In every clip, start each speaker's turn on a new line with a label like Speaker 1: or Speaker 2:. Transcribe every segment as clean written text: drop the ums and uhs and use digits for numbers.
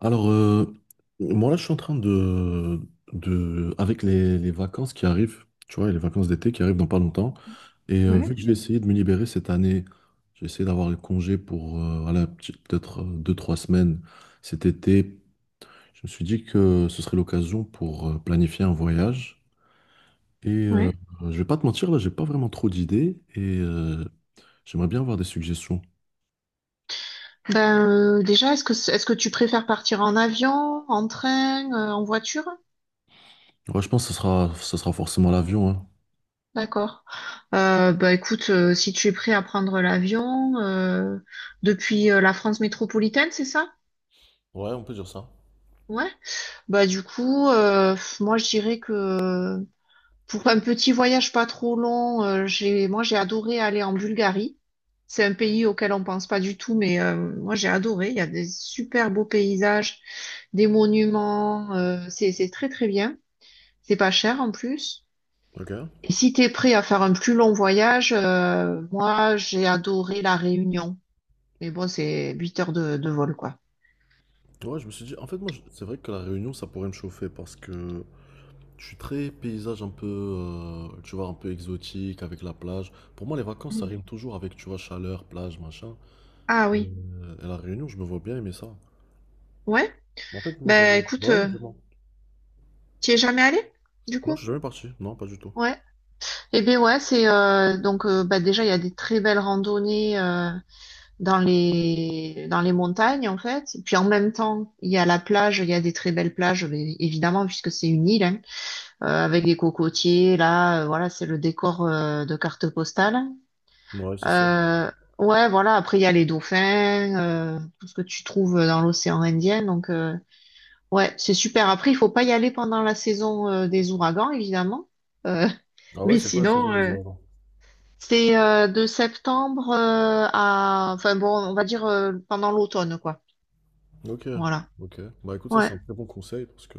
Speaker 1: Alors, moi là, je suis en train de avec les vacances qui arrivent, tu vois, les vacances d'été qui arrivent dans pas longtemps. Et
Speaker 2: Ouais,
Speaker 1: vu que j'ai essayé de me libérer cette année, j'ai essayé d'avoir les congés pour voilà, peut-être 2, 3 semaines cet été. Je me suis dit que ce serait l'occasion pour planifier un voyage. Et
Speaker 2: ouais.
Speaker 1: je vais pas te mentir, là, j'ai pas vraiment trop d'idées et j'aimerais bien avoir des suggestions.
Speaker 2: Ben, déjà, est-ce que est-ce que tu préfères partir en avion, en train, en voiture?
Speaker 1: Ouais, je pense que ce sera forcément l'avion, hein.
Speaker 2: D'accord. Bah écoute, si tu es prêt à prendre l'avion depuis la France métropolitaine, c'est ça?
Speaker 1: Ouais, on peut dire ça.
Speaker 2: Ouais. Bah du coup, moi je dirais que pour un petit voyage pas trop long, moi j'ai adoré aller en Bulgarie. C'est un pays auquel on pense pas du tout, mais moi j'ai adoré. Il y a des super beaux paysages, des monuments. C'est très très bien. C'est pas cher en plus.
Speaker 1: Ok.
Speaker 2: Et si t'es prêt à faire un plus long voyage, moi j'ai adoré La Réunion. Mais bon, c'est 8 heures de vol quoi.
Speaker 1: Ouais, je me suis dit, en fait, moi, c'est vrai que la Réunion, ça pourrait me chauffer parce que je suis très paysage un peu, tu vois, un peu exotique avec la plage. Pour moi, les vacances, ça
Speaker 2: Mm.
Speaker 1: rime toujours avec, tu vois, chaleur, plage, machin.
Speaker 2: Ah oui,
Speaker 1: Et la Réunion, je me vois bien aimer ça.
Speaker 2: ouais.
Speaker 1: Mais en fait, moi,
Speaker 2: Ben
Speaker 1: j'avais.
Speaker 2: écoute,
Speaker 1: Ouais,
Speaker 2: tu es jamais allé du
Speaker 1: Non, je suis
Speaker 2: coup?
Speaker 1: jamais parti. Non, pas du tout.
Speaker 2: Ouais. Eh bien ouais, c'est donc bah, déjà il y a des très belles randonnées dans les montagnes en fait. Et puis en même temps, il y a la plage, il y a des très belles plages mais évidemment puisque c'est une île hein, avec des cocotiers là, voilà, c'est le décor de carte postale.
Speaker 1: Ouais, c'est sûr.
Speaker 2: Euh, ouais, voilà, après il y a les dauphins, tout ce que tu trouves dans l'océan Indien donc ouais, c'est super. Après, il faut pas y aller pendant la saison des ouragans évidemment. Euh,
Speaker 1: Ah ouais,
Speaker 2: mais
Speaker 1: c'est quoi la saison
Speaker 2: sinon,
Speaker 1: des ouragans?
Speaker 2: c'est de septembre à, enfin bon, on va dire pendant l'automne, quoi.
Speaker 1: Ok,
Speaker 2: Voilà.
Speaker 1: ok. Bah écoute, ça,
Speaker 2: Ouais.
Speaker 1: c'est un très bon conseil parce que.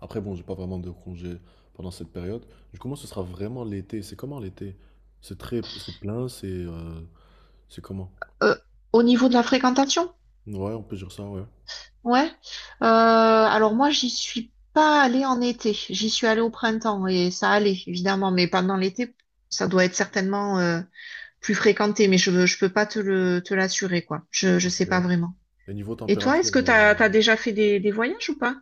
Speaker 1: Après, bon, j'ai pas vraiment de congé pendant cette période. Du coup, moi, ce sera vraiment l'été. C'est comment l'été? C'est très, c'est plein, c'est c'est comment?
Speaker 2: Euh, Au niveau de la fréquentation,
Speaker 1: Ouais, on peut dire ça, ouais.
Speaker 2: ouais. Alors moi, j'y suis pas allée en été. J'y suis allée au printemps et ça allait, évidemment. Mais pendant l'été, ça doit être certainement plus fréquenté. Mais je peux pas te l'assurer, quoi. Je sais
Speaker 1: Ok.
Speaker 2: pas vraiment.
Speaker 1: Et niveau
Speaker 2: Et toi,
Speaker 1: température,
Speaker 2: est-ce que t'as déjà fait des voyages ou pas?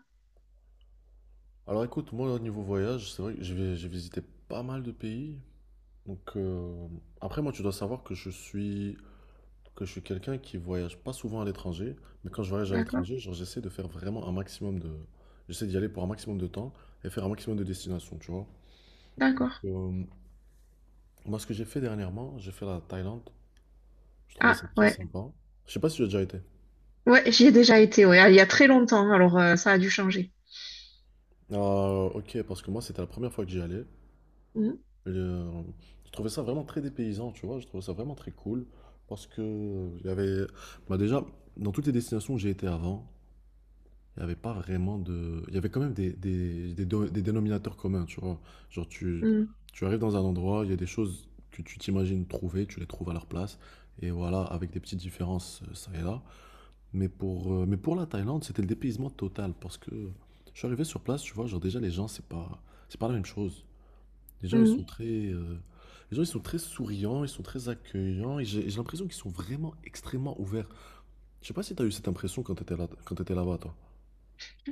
Speaker 1: alors écoute, moi au niveau voyage, c'est vrai que j'ai visité pas mal de pays. Donc après, moi, tu dois savoir que je suis quelqu'un qui voyage pas souvent à l'étranger, mais quand je voyage à
Speaker 2: D'accord,
Speaker 1: l'étranger, genre j'essaie de faire vraiment un maximum de, j'essaie d'y aller pour un maximum de temps et faire un maximum de destinations, tu vois.
Speaker 2: d'accord.
Speaker 1: Euh, Moi, ce que j'ai fait dernièrement, j'ai fait la Thaïlande. Je trouvais
Speaker 2: Ah
Speaker 1: ça très
Speaker 2: ouais,
Speaker 1: sympa. Je sais pas si tu as déjà été.
Speaker 2: ouais, j'y ai déjà été. Ouais, ah, il y a très longtemps. Alors ça a dû changer.
Speaker 1: Ah, ok, parce que moi, c'était la première fois que j'y allais.
Speaker 2: Mm,
Speaker 1: Et, je trouvais ça vraiment très dépaysant, tu vois. Je trouvais ça vraiment très cool parce que il y avait, bah déjà, dans toutes les destinations où j'ai été avant, il y avait pas vraiment de, il y avait quand même des dénominateurs communs, tu vois. Genre tu,
Speaker 2: mm,
Speaker 1: tu arrives dans un endroit, il y a des choses que tu t'imagines trouver, tu les trouves à leur place. Et voilà, avec des petites différences, ça et là. Mais pour la Thaïlande, c'était le dépaysement total parce que je suis arrivé sur place, tu vois, genre déjà les gens, c'est pas la même chose. Les gens, ils sont
Speaker 2: mm.
Speaker 1: très, euh, les gens, ils sont très souriants, ils sont très accueillants, et j'ai l'impression qu'ils sont vraiment extrêmement ouverts. Je sais pas si tu as eu cette impression quand tu étais là, quand t'étais là-bas, toi.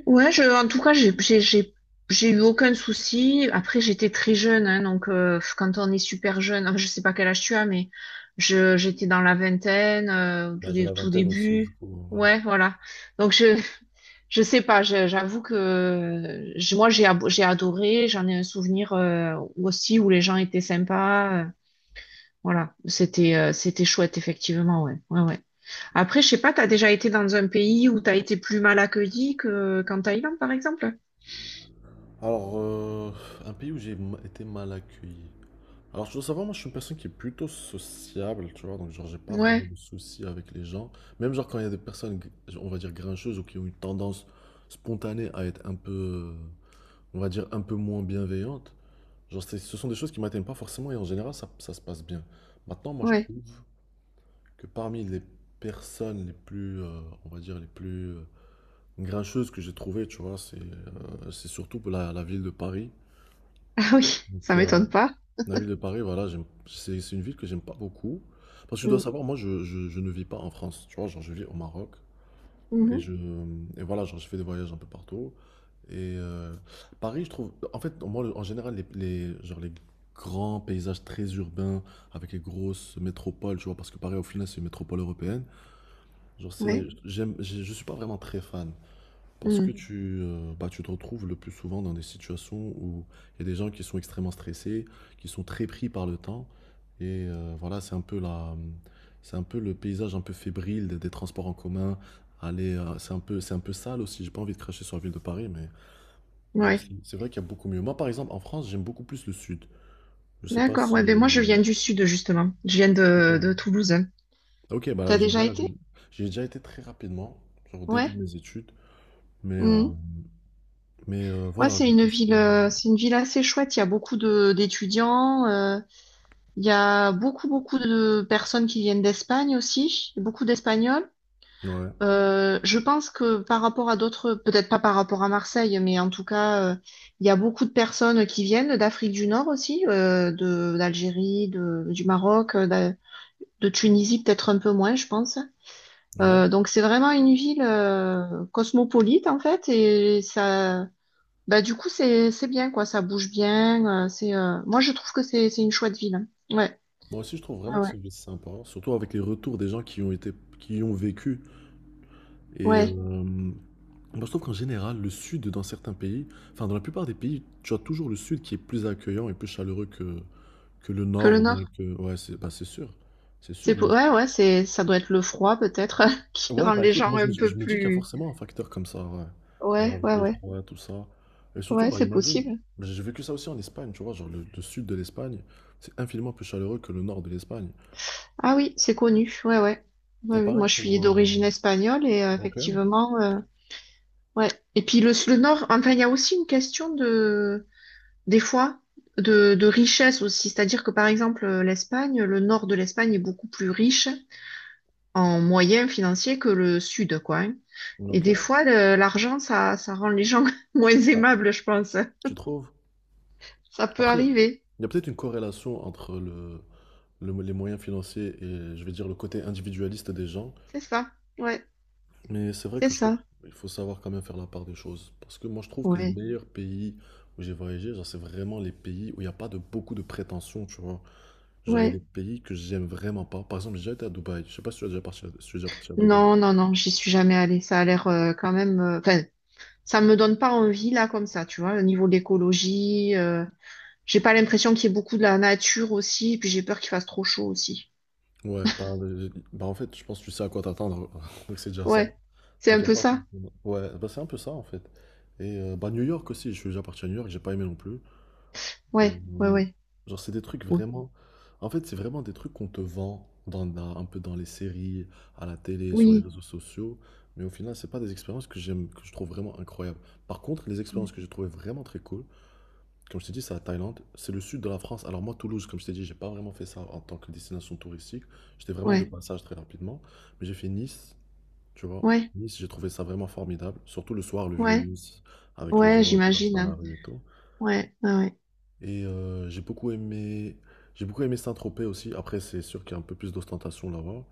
Speaker 2: Ouais, en tout cas, j'ai eu aucun souci. Après, j'étais très jeune, hein, donc quand on est super jeune, enfin, je sais pas quel âge tu as, mais j'étais dans la vingtaine,
Speaker 1: Bah, j'ai la
Speaker 2: tout
Speaker 1: vingtaine aussi, du
Speaker 2: début.
Speaker 1: coup, voilà.
Speaker 2: Ouais, voilà. Donc je sais pas. J'avoue que moi j'ai adoré. J'en ai un souvenir aussi où les gens étaient sympas. Voilà, c'était chouette effectivement. Ouais, ouais, ouais. Après, je sais pas, t'as déjà été dans un pays où t'as été plus mal accueilli que qu'en Thaïlande, par exemple?
Speaker 1: Alors, un pays où été mal accueilli. Alors, je dois savoir, moi, je suis une personne qui est plutôt sociable, tu vois, donc, genre, j'ai pas
Speaker 2: Ouais,
Speaker 1: vraiment de soucis avec les gens. Même, genre, quand il y a des personnes, on va dire, grincheuses ou qui ont une tendance spontanée à être un peu, on va dire, un peu moins bienveillantes. Genre, ce sont des choses qui m'atteignent pas forcément et en général, ça se passe bien. Maintenant, moi, je trouve
Speaker 2: ouais.
Speaker 1: que parmi les personnes les plus, on va dire, les plus grincheuses que j'ai trouvées, tu vois, c'est surtout pour la ville de Paris.
Speaker 2: Ah oui, ça
Speaker 1: Donc,
Speaker 2: m'étonne pas.
Speaker 1: la ville de Paris, voilà, c'est une ville que j'aime pas beaucoup. Parce que tu dois
Speaker 2: Mm,
Speaker 1: savoir, moi, je ne vis pas en France, tu vois, genre, je vis au Maroc. Et
Speaker 2: mhm,
Speaker 1: je, et voilà, genre, je fais des voyages un peu partout. Et euh, Paris, je trouve, en fait, moi, en général, genre, les grands paysages très urbains avec les grosses métropoles, tu vois, parce que Paris, au final, c'est une métropole européenne. Genre,
Speaker 2: ouais,
Speaker 1: je suis pas vraiment très fan. Parce que
Speaker 2: mm,
Speaker 1: bah, tu te retrouves le plus souvent dans des situations où il y a des gens qui sont extrêmement stressés, qui sont très pris par le temps. Et voilà, c'est un peu le paysage un peu fébrile des transports en commun. Aller, c'est un peu sale aussi. J'ai pas envie de cracher sur la ville de Paris, mais genre,
Speaker 2: ouais.
Speaker 1: c'est vrai qu'il y a beaucoup mieux. Moi, par exemple, en France, j'aime beaucoup plus le sud. Je sais pas
Speaker 2: D'accord, ouais, ben
Speaker 1: si.
Speaker 2: moi je viens du sud, justement. Je viens de Toulouse.
Speaker 1: Ok, bah là,
Speaker 2: T'as
Speaker 1: j'aime
Speaker 2: déjà
Speaker 1: bien la
Speaker 2: été?
Speaker 1: ville. J'ai déjà été très rapidement, genre au début de
Speaker 2: Ouais.
Speaker 1: mes études, mais, euh,
Speaker 2: Mm. Ouais,
Speaker 1: voilà, j'ai plus fait.
Speaker 2: c'est une ville assez chouette. Il y a beaucoup de d'étudiants, il y a beaucoup, beaucoup de personnes qui viennent d'Espagne aussi, beaucoup d'Espagnols.
Speaker 1: Ouais,
Speaker 2: Je pense que par rapport à d'autres, peut-être pas par rapport à Marseille, mais en tout cas, il y a beaucoup de personnes qui viennent d'Afrique du Nord aussi, de d'Algérie, du Maroc, de Tunisie peut-être un peu moins, je pense.
Speaker 1: ouais.
Speaker 2: Donc c'est vraiment une ville cosmopolite en fait, et ça, bah du coup c'est bien quoi, ça bouge bien. C'est Moi je trouve que c'est une chouette ville, hein. Ouais,
Speaker 1: Moi aussi, je trouve
Speaker 2: ouais,
Speaker 1: vraiment que
Speaker 2: ouais,
Speaker 1: c'est juste sympa, surtout avec les retours des gens qui y ont été, qui y ont vécu. Et
Speaker 2: ouais.
Speaker 1: moi, je trouve qu'en général, le sud, dans certains pays, enfin, dans la plupart des pays, tu as toujours le sud qui est plus accueillant et plus chaleureux que, le
Speaker 2: Que le
Speaker 1: nord ou bien
Speaker 2: Nord.
Speaker 1: que. Ouais, c'est bah, c'est sûr. C'est sûr, moi.
Speaker 2: Ouais, ouais, ça doit être le froid peut-être qui
Speaker 1: Ouais,
Speaker 2: rend
Speaker 1: bah
Speaker 2: les
Speaker 1: écoute,
Speaker 2: gens
Speaker 1: moi,
Speaker 2: un
Speaker 1: je
Speaker 2: peu
Speaker 1: me dis qu'il y a
Speaker 2: plus.
Speaker 1: forcément un facteur comme ça, ouais. Genre
Speaker 2: Ouais,
Speaker 1: avec
Speaker 2: ouais,
Speaker 1: le
Speaker 2: ouais.
Speaker 1: froid, tout ça. Et surtout,
Speaker 2: Ouais,
Speaker 1: bah,
Speaker 2: c'est
Speaker 1: imagine,
Speaker 2: possible.
Speaker 1: j'ai vécu ça aussi en Espagne, tu vois, genre le sud de l'Espagne, c'est infiniment plus chaleureux que le nord de l'Espagne.
Speaker 2: Ah oui, c'est connu. Ouais, ouais.
Speaker 1: Et
Speaker 2: Ouais, oui.
Speaker 1: pareil
Speaker 2: Moi, je suis
Speaker 1: pour.
Speaker 2: d'origine espagnole et
Speaker 1: Ok.
Speaker 2: effectivement, ouais. Et puis le Nord, enfin, il y a aussi une question des fois, de richesse aussi. C'est-à-dire que par exemple, l'Espagne, le Nord de l'Espagne est beaucoup plus riche en moyens financiers que le Sud, quoi, hein. Et
Speaker 1: Ok.
Speaker 2: des fois, l'argent, ça rend les gens moins aimables, je pense.
Speaker 1: Tu trouves?
Speaker 2: Ça peut
Speaker 1: Après,
Speaker 2: arriver.
Speaker 1: il y a peut-être une corrélation entre les moyens financiers et, je vais dire, le côté individualiste des gens.
Speaker 2: C'est ça, ouais,
Speaker 1: Mais c'est vrai
Speaker 2: c'est
Speaker 1: que je trouve
Speaker 2: ça,
Speaker 1: qu'il faut savoir quand même faire la part des choses. Parce que moi, je trouve que les
Speaker 2: ouais,
Speaker 1: meilleurs pays où j'ai voyagé, genre, c'est vraiment les pays où il n'y a pas de beaucoup de prétentions, tu vois. Genre, il y a des
Speaker 2: ouais.
Speaker 1: pays que j'aime vraiment pas. Par exemple, j'ai déjà été à Dubaï. Je sais pas si tu as déjà parti à, si tu es déjà parti à Dubaï.
Speaker 2: Non, non, non, j'y suis jamais allée. Ça a l'air quand même. Enfin, ça me donne pas envie là comme ça, tu vois. Au niveau de l'écologie, j'ai pas l'impression qu'il y ait beaucoup de la nature aussi. Et puis j'ai peur qu'il fasse trop chaud aussi.
Speaker 1: Ouais, bah, en fait, je pense que tu sais à quoi t'attendre. Donc, c'est déjà ça.
Speaker 2: Ouais, c'est un
Speaker 1: Ok.
Speaker 2: peu ça.
Speaker 1: Ouais, bah, c'est un peu ça, en fait. Et bah, New York aussi, je suis déjà parti à New York, j'ai pas aimé non plus.
Speaker 2: Ouais, ouais,
Speaker 1: Hem,
Speaker 2: ouais,
Speaker 1: genre, c'est des trucs
Speaker 2: ouais.
Speaker 1: vraiment en fait, c'est vraiment des trucs qu'on te vend dans un peu dans les séries, à la télé, sur les
Speaker 2: Oui,
Speaker 1: réseaux sociaux, mais au final, c'est pas des expériences que j'aime que je trouve vraiment incroyables. Par contre, les expériences que j'ai trouvées vraiment très cool, comme je t'ai dit, c'est la Thaïlande, c'est le sud de la France. Alors moi, Toulouse, comme je t'ai dit, j'ai pas vraiment fait ça en tant que destination touristique. J'étais vraiment de
Speaker 2: ouais,
Speaker 1: passage très rapidement, mais j'ai fait Nice, tu vois?
Speaker 2: ouais,
Speaker 1: Nice, j'ai trouvé ça vraiment formidable, surtout le soir, le vieux
Speaker 2: ouais,
Speaker 1: Nice, avec les
Speaker 2: ouais.
Speaker 1: gens qui dansent
Speaker 2: J'imagine,
Speaker 1: dans la
Speaker 2: hein.
Speaker 1: rue et tout.
Speaker 2: Ouais, ouais, ouais.
Speaker 1: Et j'ai beaucoup aimé Saint-Tropez aussi. Après, c'est sûr qu'il y a un peu plus d'ostentation là-bas.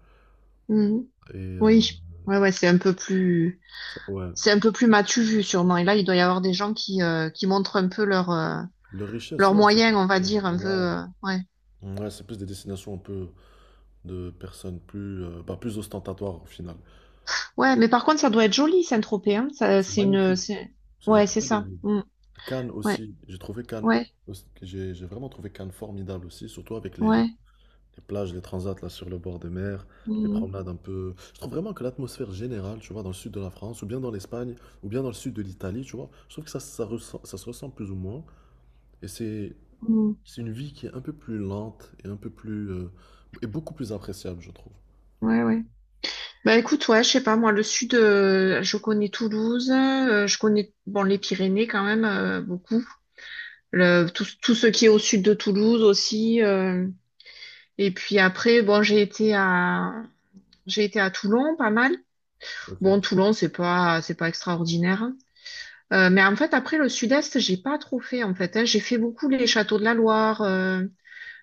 Speaker 2: Mhm.
Speaker 1: Et
Speaker 2: Oui, ouais, ouais. C'est un peu plus,
Speaker 1: ouais,
Speaker 2: c'est un peu plus matu vu sûrement. Et là, il doit y avoir des gens qui montrent un peu leur euh,
Speaker 1: leur richesse,
Speaker 2: leurs moyens, on va dire, un peu. Ouais.
Speaker 1: ouais, c'est plus des destinations un peu de personnes plus, bah, plus ostentatoires au final.
Speaker 2: Ouais, mais par contre, ça doit être joli, Saint-Tropez, hein. Ça, c'est une. C'est-
Speaker 1: C'est une
Speaker 2: Ouais, c'est
Speaker 1: très belle
Speaker 2: ça.
Speaker 1: ville.
Speaker 2: Mm.
Speaker 1: Cannes
Speaker 2: Ouais,
Speaker 1: aussi, j'ai trouvé Cannes,
Speaker 2: ouais.
Speaker 1: j'ai vraiment trouvé Cannes formidable aussi, surtout avec
Speaker 2: ouais.
Speaker 1: les plages, les transats là sur le bord des mers, les
Speaker 2: Mm.
Speaker 1: promenades un peu. Je trouve vraiment que l'atmosphère générale, tu vois, dans le sud de la France, ou bien dans l'Espagne, ou bien dans le sud de l'Italie, tu vois, je trouve que ça, ça se ressent plus ou moins. Et
Speaker 2: Mm.
Speaker 1: c'est une vie qui est un peu plus lente et un peu plus et beaucoup plus appréciable, je trouve.
Speaker 2: Ouais, ouais. Bah écoute, ouais, je sais pas, moi, le sud, je connais Toulouse, je connais bon les Pyrénées quand même beaucoup. Tout ce qui est au sud de Toulouse aussi. Et puis après, bon, j'ai été à Toulon pas mal. Bon,
Speaker 1: Ok.
Speaker 2: Toulon, c'est pas extraordinaire, hein. Mais en fait, après le Sud-Est, j'ai pas trop fait en fait, hein. J'ai fait beaucoup les châteaux de la Loire, euh,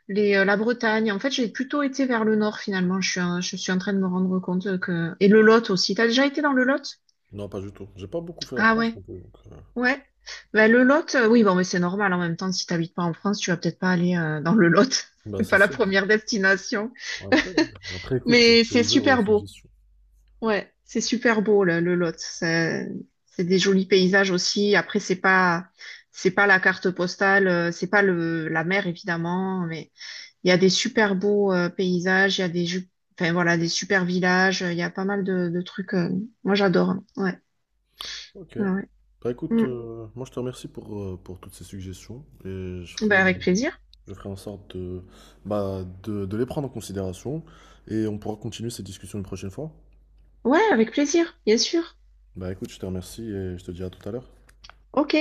Speaker 2: les, euh, la Bretagne. En fait, j'ai plutôt été vers le nord finalement. Je suis en train de me rendre compte que et le Lot aussi. T'as déjà été dans le Lot?
Speaker 1: Non, pas du tout. J'ai pas beaucoup fait la
Speaker 2: Ah
Speaker 1: France
Speaker 2: ouais,
Speaker 1: non plus, donc.
Speaker 2: ouais. Ben, le Lot, oui, bon, mais c'est normal. En même temps, si t'habites pas en France, tu vas peut-être pas aller dans le Lot.
Speaker 1: Bah
Speaker 2: C'est
Speaker 1: c'est
Speaker 2: pas la
Speaker 1: sûr.
Speaker 2: première destination.
Speaker 1: Après, après, écoute,
Speaker 2: Mais
Speaker 1: c'est
Speaker 2: c'est
Speaker 1: ouvert aux
Speaker 2: super beau.
Speaker 1: suggestions.
Speaker 2: Ouais, c'est super beau là, le Lot. C'est des jolis paysages aussi. Après, c'est pas la carte postale, c'est pas le la mer évidemment, mais il y a des super beaux paysages, il y a enfin voilà, des super villages, il y a pas mal de trucs. Moi, j'adore, hein. Ouais,
Speaker 1: Ok.
Speaker 2: ouais, ouais.
Speaker 1: Bah écoute,
Speaker 2: Mm.
Speaker 1: moi je te remercie pour toutes ces suggestions et
Speaker 2: Ben, avec plaisir.
Speaker 1: je ferai en sorte de, bah, de les prendre en considération et on pourra continuer cette discussion une prochaine fois.
Speaker 2: Ouais, avec plaisir, bien sûr.
Speaker 1: Bah écoute, je te remercie et je te dis à tout à l'heure.
Speaker 2: Ok.